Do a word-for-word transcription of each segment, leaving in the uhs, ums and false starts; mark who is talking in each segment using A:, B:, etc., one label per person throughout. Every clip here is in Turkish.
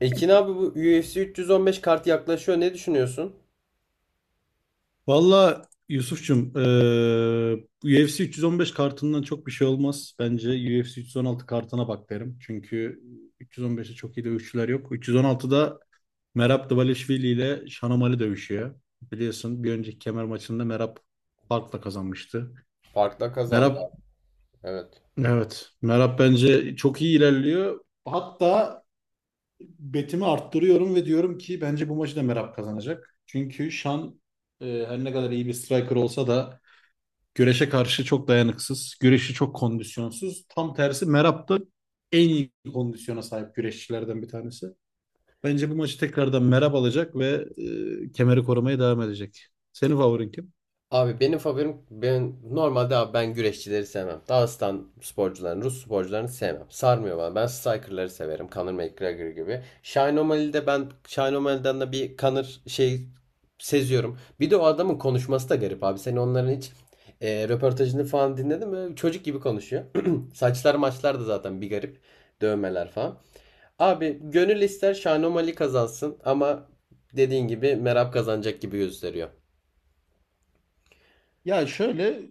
A: Ekin abi, bu U F C üç yüz on beş kart yaklaşıyor. Ne düşünüyorsun?
B: Valla Yusuf'cum eee, bu U F C üç yüz on beş kartından çok bir şey olmaz. Bence U F C üç yüz on altı kartına bak derim. Çünkü üç yüz on beşte çok iyi dövüşçüler yok. üç yüz on altıda Merab Dvalishvili ile Shanomali dövüşüyor. Biliyorsun bir önceki kemer maçında Merab farkla kazanmıştı.
A: Farkla kazandı.
B: Merab,
A: Evet.
B: evet, Merab bence çok iyi ilerliyor. Hatta betimi arttırıyorum ve diyorum ki bence bu maçı da Merab kazanacak. Çünkü Şan eee, her ne kadar iyi bir striker olsa da güreşe karşı çok dayanıksız. Güreşi çok kondisyonsuz. Tam tersi Merab da en iyi kondisyona sahip güreşçilerden bir tanesi. Bence bu maçı tekrardan Merab alacak ve e, kemeri korumaya devam edecek. Senin favorin kim?
A: Abi benim favorim, ben normalde abi ben güreşçileri sevmem. Dağıstan sporcularını, Rus sporcularını sevmem. Sarmıyor bana. Ben strikerları severim. Conor McGregor gibi. Shine O'Malley'de, ben Shine O'Malley'den de bir Conor şey seziyorum. Bir de o adamın konuşması da garip abi. Sen onların hiç e, röportajını falan dinledin mi? Çocuk gibi konuşuyor. Saçlar maçlar da zaten bir garip. Dövmeler falan. Abi gönül ister Şanomali kazansın ama dediğin gibi Merab kazanacak gibi gösteriyor.
B: Ya şöyle,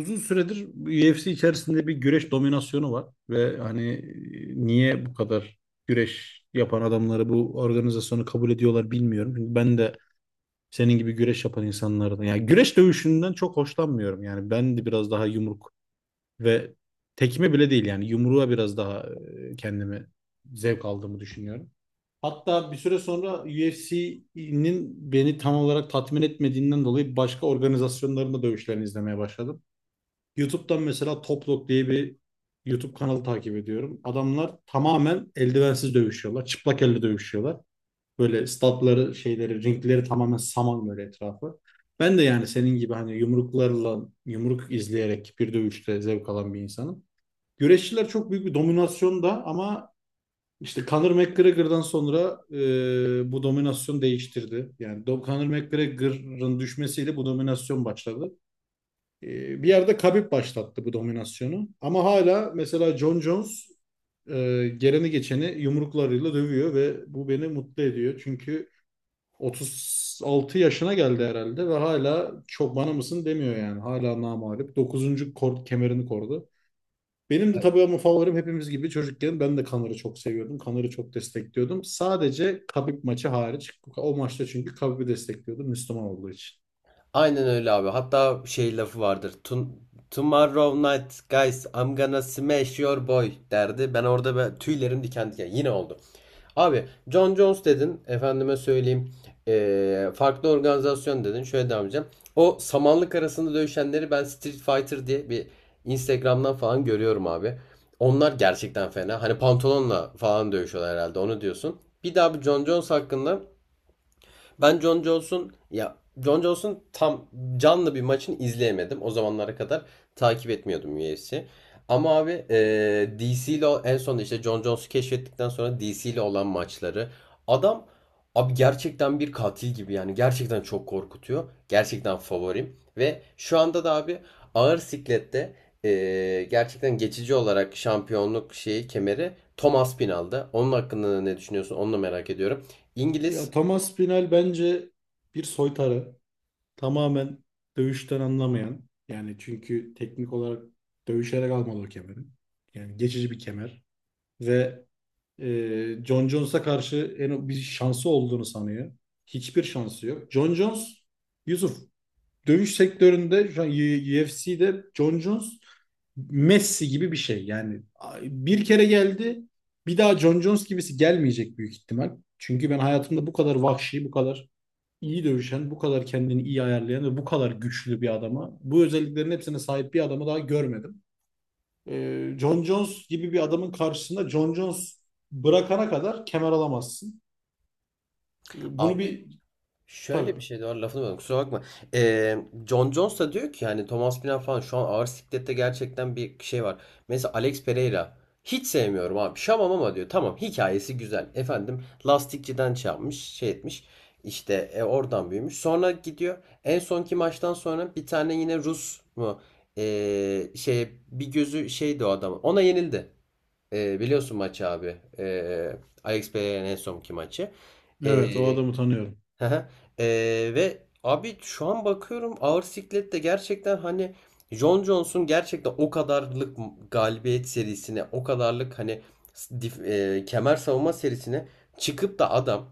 B: uzun süredir U F C içerisinde bir güreş dominasyonu var ve hani e, niye bu kadar güreş yapan adamları bu organizasyonu kabul ediyorlar bilmiyorum. Çünkü ben de senin gibi güreş yapan insanlardan. Yani güreş dövüşünden çok hoşlanmıyorum. Yani ben de biraz daha yumruk ve tekme bile değil, yani yumruğa biraz daha e, kendimi zevk aldığımı düşünüyorum. Hatta bir süre sonra U F C'nin beni tam olarak tatmin etmediğinden dolayı başka organizasyonların da dövüşlerini izlemeye başladım. YouTube'dan mesela Toplok diye bir YouTube kanalı takip ediyorum. Adamlar tamamen eldivensiz dövüşüyorlar. Çıplak elle dövüşüyorlar. Böyle statları, şeyleri, ringleri tamamen saman, böyle etrafı. Ben de yani senin gibi hani yumruklarla, yumruk izleyerek bir dövüşte zevk alan bir insanım. Güreşçiler çok büyük bir dominasyonda ama işte Conor McGregor'dan sonra e, bu dominasyon değiştirdi. Yani Do- Conor McGregor'ın düşmesiyle bu dominasyon başladı. E, Bir yerde Khabib başlattı bu dominasyonu. Ama hala mesela John Jones e, geleni geçeni yumruklarıyla dövüyor ve bu beni mutlu ediyor. Çünkü otuz altı yaşına geldi herhalde ve hala çok bana mısın demiyor yani. Hala namağlup. Dokuzuncu kor kemerini kordu. Benim de tabii, ama favorim, hepimiz gibi, çocukken ben de Kanar'ı çok seviyordum. Kanar'ı çok destekliyordum. Sadece Kabip maçı hariç. O maçta çünkü Kabip'i destekliyordum, Müslüman olduğu için.
A: Aynen öyle abi. Hatta şey lafı vardır. Tun Tomorrow night guys I'm gonna smash your boy derdi. Ben orada ben, tüylerim diken diken. Yine oldu. Abi John Jones dedin. Efendime söyleyeyim. Ee, farklı organizasyon dedin. Şöyle devam edeceğim. O samanlık arasında dövüşenleri ben Street Fighter diye bir Instagram'dan falan görüyorum abi. Onlar gerçekten fena. Hani pantolonla falan dövüşüyorlar herhalde. Onu diyorsun. Bir daha bir John Jones hakkında, ben Jon Jones'un ya Jon Jones'un tam canlı bir maçını izleyemedim. O zamanlara kadar takip etmiyordum U F C. Ama abi, e, D C ile en son işte Jon Jones'u keşfettikten sonra D C ile olan maçları, adam abi gerçekten bir katil gibi, yani gerçekten çok korkutuyor. Gerçekten favorim ve şu anda da abi ağır siklette e, gerçekten geçici olarak şampiyonluk şeyi, kemeri Thomas Pinal'da. Onun hakkında ne düşünüyorsun? Onu da merak ediyorum.
B: Ya
A: İngiliz
B: Thomas Pinal bence bir soytarı. Tamamen dövüşten anlamayan. Yani çünkü teknik olarak dövüşerek almadı o kemeri. Yani geçici bir kemer. Ve e, John Jones'a karşı en bir şansı olduğunu sanıyor. Hiçbir şansı yok. John Jones Yusuf, dövüş sektöründe şu an U F C'de Jon Jones Messi gibi bir şey. Yani bir kere geldi, bir daha Jon Jones gibisi gelmeyecek büyük ihtimal. Çünkü ben hayatımda bu kadar vahşi, bu kadar iyi dövüşen, bu kadar kendini iyi ayarlayan ve bu kadar güçlü bir adama, bu özelliklerin hepsine sahip bir adamı daha görmedim. Ee, John Jones gibi bir adamın karşısında Jon Jones bırakana kadar kemer alamazsın. Ee, Bunu
A: abi,
B: bir
A: şöyle bir
B: Tabii.
A: şey de var, lafını böldüm kusura bakma. Ee, John Jones da diyor ki, yani Thomas Pina falan şu an ağır siklette gerçekten bir şey var. Mesela Alex Pereira, hiç sevmiyorum abi şamam, ama diyor tamam hikayesi güzel. Efendim, lastikçiden şey yapmış şey etmiş, işte e, oradan büyümüş. Sonra gidiyor, en sonki maçtan sonra bir tane yine Rus mu, ee, şey bir gözü şeydi o adam, ona yenildi. Ee, biliyorsun maçı abi. Ee, Alex Pereira'nın en sonki maçı.
B: Evet, o adamı tanıyorum.
A: Hı hı. Ee, Ve abi şu an bakıyorum ağır siklette gerçekten, hani Jon Jones'un gerçekten o kadarlık galibiyet serisine, o kadarlık hani s- dif- e, kemer savunma serisine çıkıp da adam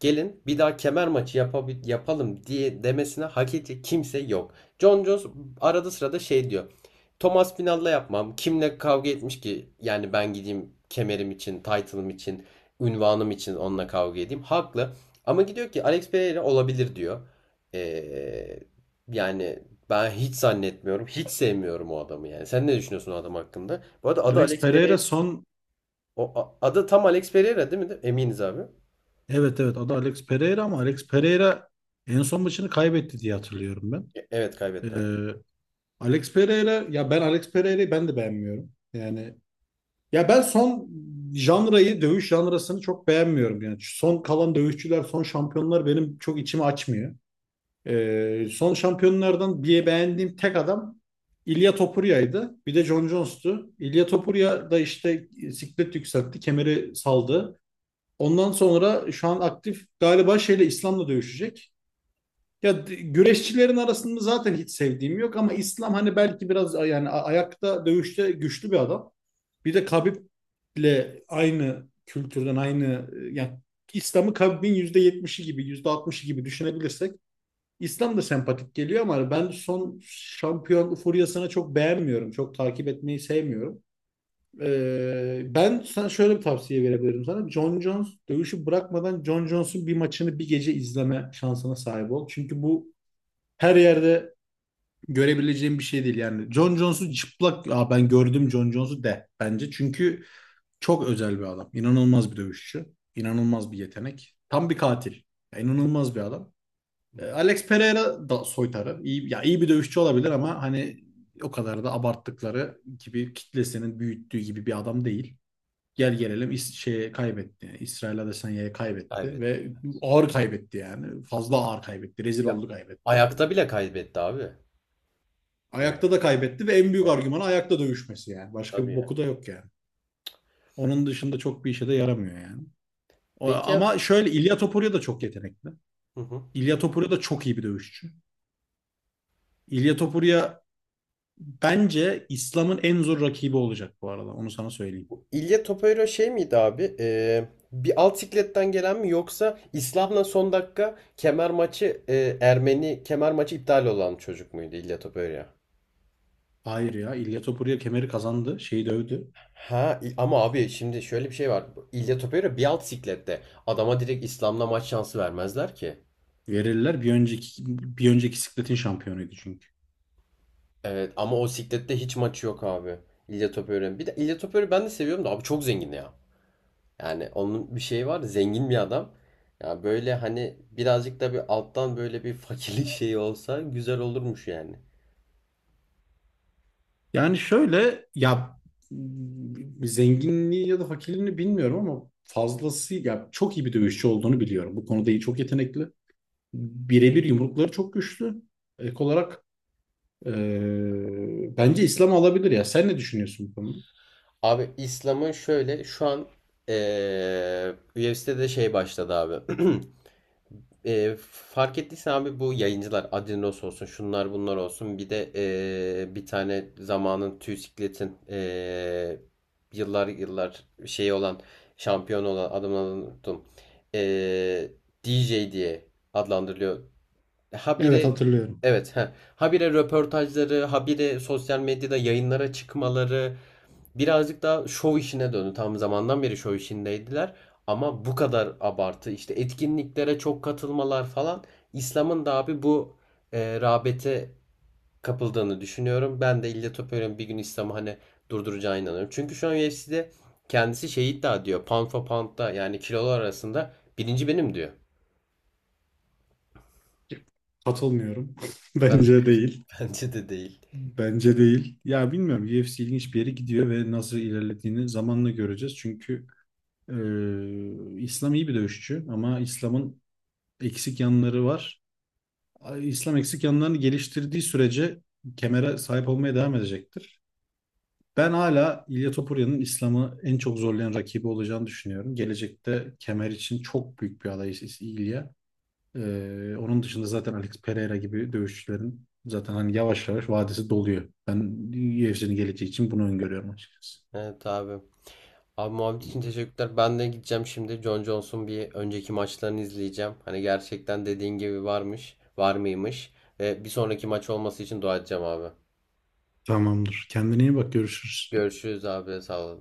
A: gelin bir daha kemer maçı yapabi- yapalım diye demesine hak edecek kimse yok. Jon Jones arada sırada şey diyor. Thomas Pinal'la yapmam. Kimle kavga etmiş ki? Yani ben gideyim kemerim için, title'ım için, ünvanım için onunla kavga edeyim. Haklı. Ama gidiyor ki Alex Pereira olabilir diyor. Ee, Yani ben hiç zannetmiyorum. Hiç sevmiyorum o adamı yani. Sen ne düşünüyorsun o adam hakkında? Bu arada adı
B: Alex
A: Alex
B: Pereira
A: Pereira.
B: son
A: O a- adı tam Alex Pereira değil mi? Eminiz abi.
B: Evet, evet, adı Alex Pereira, ama Alex Pereira en son maçını kaybetti diye hatırlıyorum ben.
A: E- Evet kaybetti abi.
B: Ee, Alex Pereira, ya ben Alex Pereira'yı ben de beğenmiyorum. Yani ya ben son janrayı dövüş janrasını çok beğenmiyorum. Yani şu son kalan dövüşçüler, son şampiyonlar benim çok içimi açmıyor. Ee, son şampiyonlardan bir beğendiğim tek adam İlya Topuria'ydı. Bir de John Jones'tu. İlya Topuria da işte siklet yükseltti, kemeri saldı. Ondan sonra şu an aktif galiba şeyle, İslam'la dövüşecek. Ya d- güreşçilerin arasında zaten hiç sevdiğim yok, ama İslam hani belki biraz a- yani a- ayakta dövüşte güçlü bir adam. Bir de Khabib'le aynı kültürden, aynı e, yani İslam'ı Khabib'in yüzde yetmişi gibi, yüzde altmışı gibi düşünebilirsek İslam da sempatik geliyor, ama hani ben son şampiyon furyasını çok beğenmiyorum. Çok takip etmeyi sevmiyorum. Ee, ben sana şöyle bir tavsiye verebilirim sana. John Jones dövüşü bırakmadan John Jones'un bir maçını bir gece izleme şansına sahip ol. Çünkü bu her yerde görebileceğim bir şey değil yani. John Jones'u çıplak Aa, ben gördüm John Jones'u de bence. Çünkü çok özel bir adam. İnanılmaz bir dövüşçü. İnanılmaz bir yetenek. Tam bir katil. Ya, inanılmaz bir adam.
A: Hı
B: Ee,
A: hı.
B: Alex Pereira da soytarı. İyi, ya iyi bir dövüşçü olabilir, ama hani o kadar da abarttıkları gibi, kitlesinin büyüttüğü gibi bir adam değil. Gel gelelim İs şeye kaybetti. Yani İsrail Adesanya'ya kaybetti
A: Kaybetti.
B: ve ağır kaybetti yani. Fazla ağır kaybetti. Rezil
A: Ya,
B: oldu, kaybetti.
A: ayakta bile kaybetti abi. Yani,
B: Ayakta da kaybetti ve en büyük
A: evet,
B: argümanı ayakta dövüşmesi yani. Başka
A: tabii
B: bir
A: yani.
B: boku da yok yani. Onun dışında çok bir işe de yaramıyor yani. O-
A: Peki ya.
B: ama şöyle, İlya Topuria da çok yetenekli.
A: Hı hı.
B: İlya Topuria da çok iyi bir dövüşçü. İlya Topuria bence İslam'ın en zor rakibi olacak bu arada. Onu sana söyleyeyim.
A: İlya Topuero şey miydi abi? Ee, bir alt sikletten gelen mi, yoksa İslam'la son dakika kemer maçı, e, Ermeni kemer maçı iptal olan çocuk muydu İlya Topuero?
B: Hayır ya, İlya Topuria kemeri kazandı. Şeyi dövdü.
A: Ha i- ama abi şimdi şöyle bir şey var. İlya Topuero bir alt siklette. Adama direkt İslam'la maç şansı vermezler ki.
B: Verirler. Bir önceki bir önceki sikletin şampiyonuydu çünkü.
A: Evet ama o siklette hiç maçı yok abi. İlya Topuero'nun. Bir de İlya Topuero'yu ben de seviyorum da abi, çok zengin ya. Yani onun bir şeyi var. Zengin bir adam. Ya böyle hani birazcık da bir alttan böyle bir fakirlik şeyi olsa güzel olurmuş yani.
B: Yani şöyle ya, m, zenginliği ya da fakirliğini bilmiyorum ama fazlası ya, çok iyi bir dövüşçü olduğunu biliyorum. Bu konuda iyi, çok yetenekli. Birebir yumrukları çok güçlü. Ek olarak e, bence İslam alabilir ya. Sen ne düşünüyorsun bu konuda?
A: Abi İslam'ın şöyle şu an eee U F C'de de şey başladı abi. Eee, fark ettiysen abi, bu yayıncılar Adinos olsun, şunlar bunlar olsun, bir de eee, bir tane zamanın Tüysiklet'in, eee, yıllar yıllar şey olan, şampiyon olan adamın, unuttum. Eee, D J diye adlandırılıyor. E,
B: Evet,
A: Habire,
B: hatırlıyorum.
A: evet ha habire röportajları, habire sosyal medyada yayınlara çıkmaları, birazcık daha şov işine döndü. Tam zamandan beri şov işindeydiler ama bu kadar abartı, işte etkinliklere çok katılmalar falan, İslam'ın da abi bu e, rağbete kapıldığını düşünüyorum. Ben de İlla Topuyruk'un bir gün İslam'ı hani durduracağına inanıyorum. Çünkü şu an U F C'de kendisi şey iddia ediyor. Pound for pound'da, yani kilolar arasında birinci benim diyor.
B: Katılmıyorum.
A: Ben de
B: Bence değil.
A: bence de değil.
B: Bence değil. Ya bilmiyorum, U F C ilginç bir yere gidiyor ve nasıl ilerlediğini zamanla göreceğiz. Çünkü e, İslam iyi bir dövüşçü, ama İslam'ın eksik yanları var. İslam eksik yanlarını geliştirdiği sürece kemere sahip olmaya devam edecektir. Ben hala İlya Topurya'nın İslam'ı en çok zorlayan rakibi olacağını düşünüyorum. Gelecekte kemer için çok büyük bir aday İlya. Ee, onun dışında zaten Alex Pereira gibi dövüşçülerin zaten hani yavaş yavaş vadesi doluyor. Ben U F C'nin geleceği için bunu öngörüyorum açıkçası.
A: Evet abi. Abi, muhabbet için teşekkürler. Ben de gideceğim şimdi. John Jones'un bir önceki maçlarını izleyeceğim. Hani gerçekten dediğin gibi varmış, var mıymış. Ve bir sonraki maç olması için dua edeceğim abi.
B: Tamamdır. Kendine iyi bak. Görüşürüz.
A: Görüşürüz abi. Sağ ol.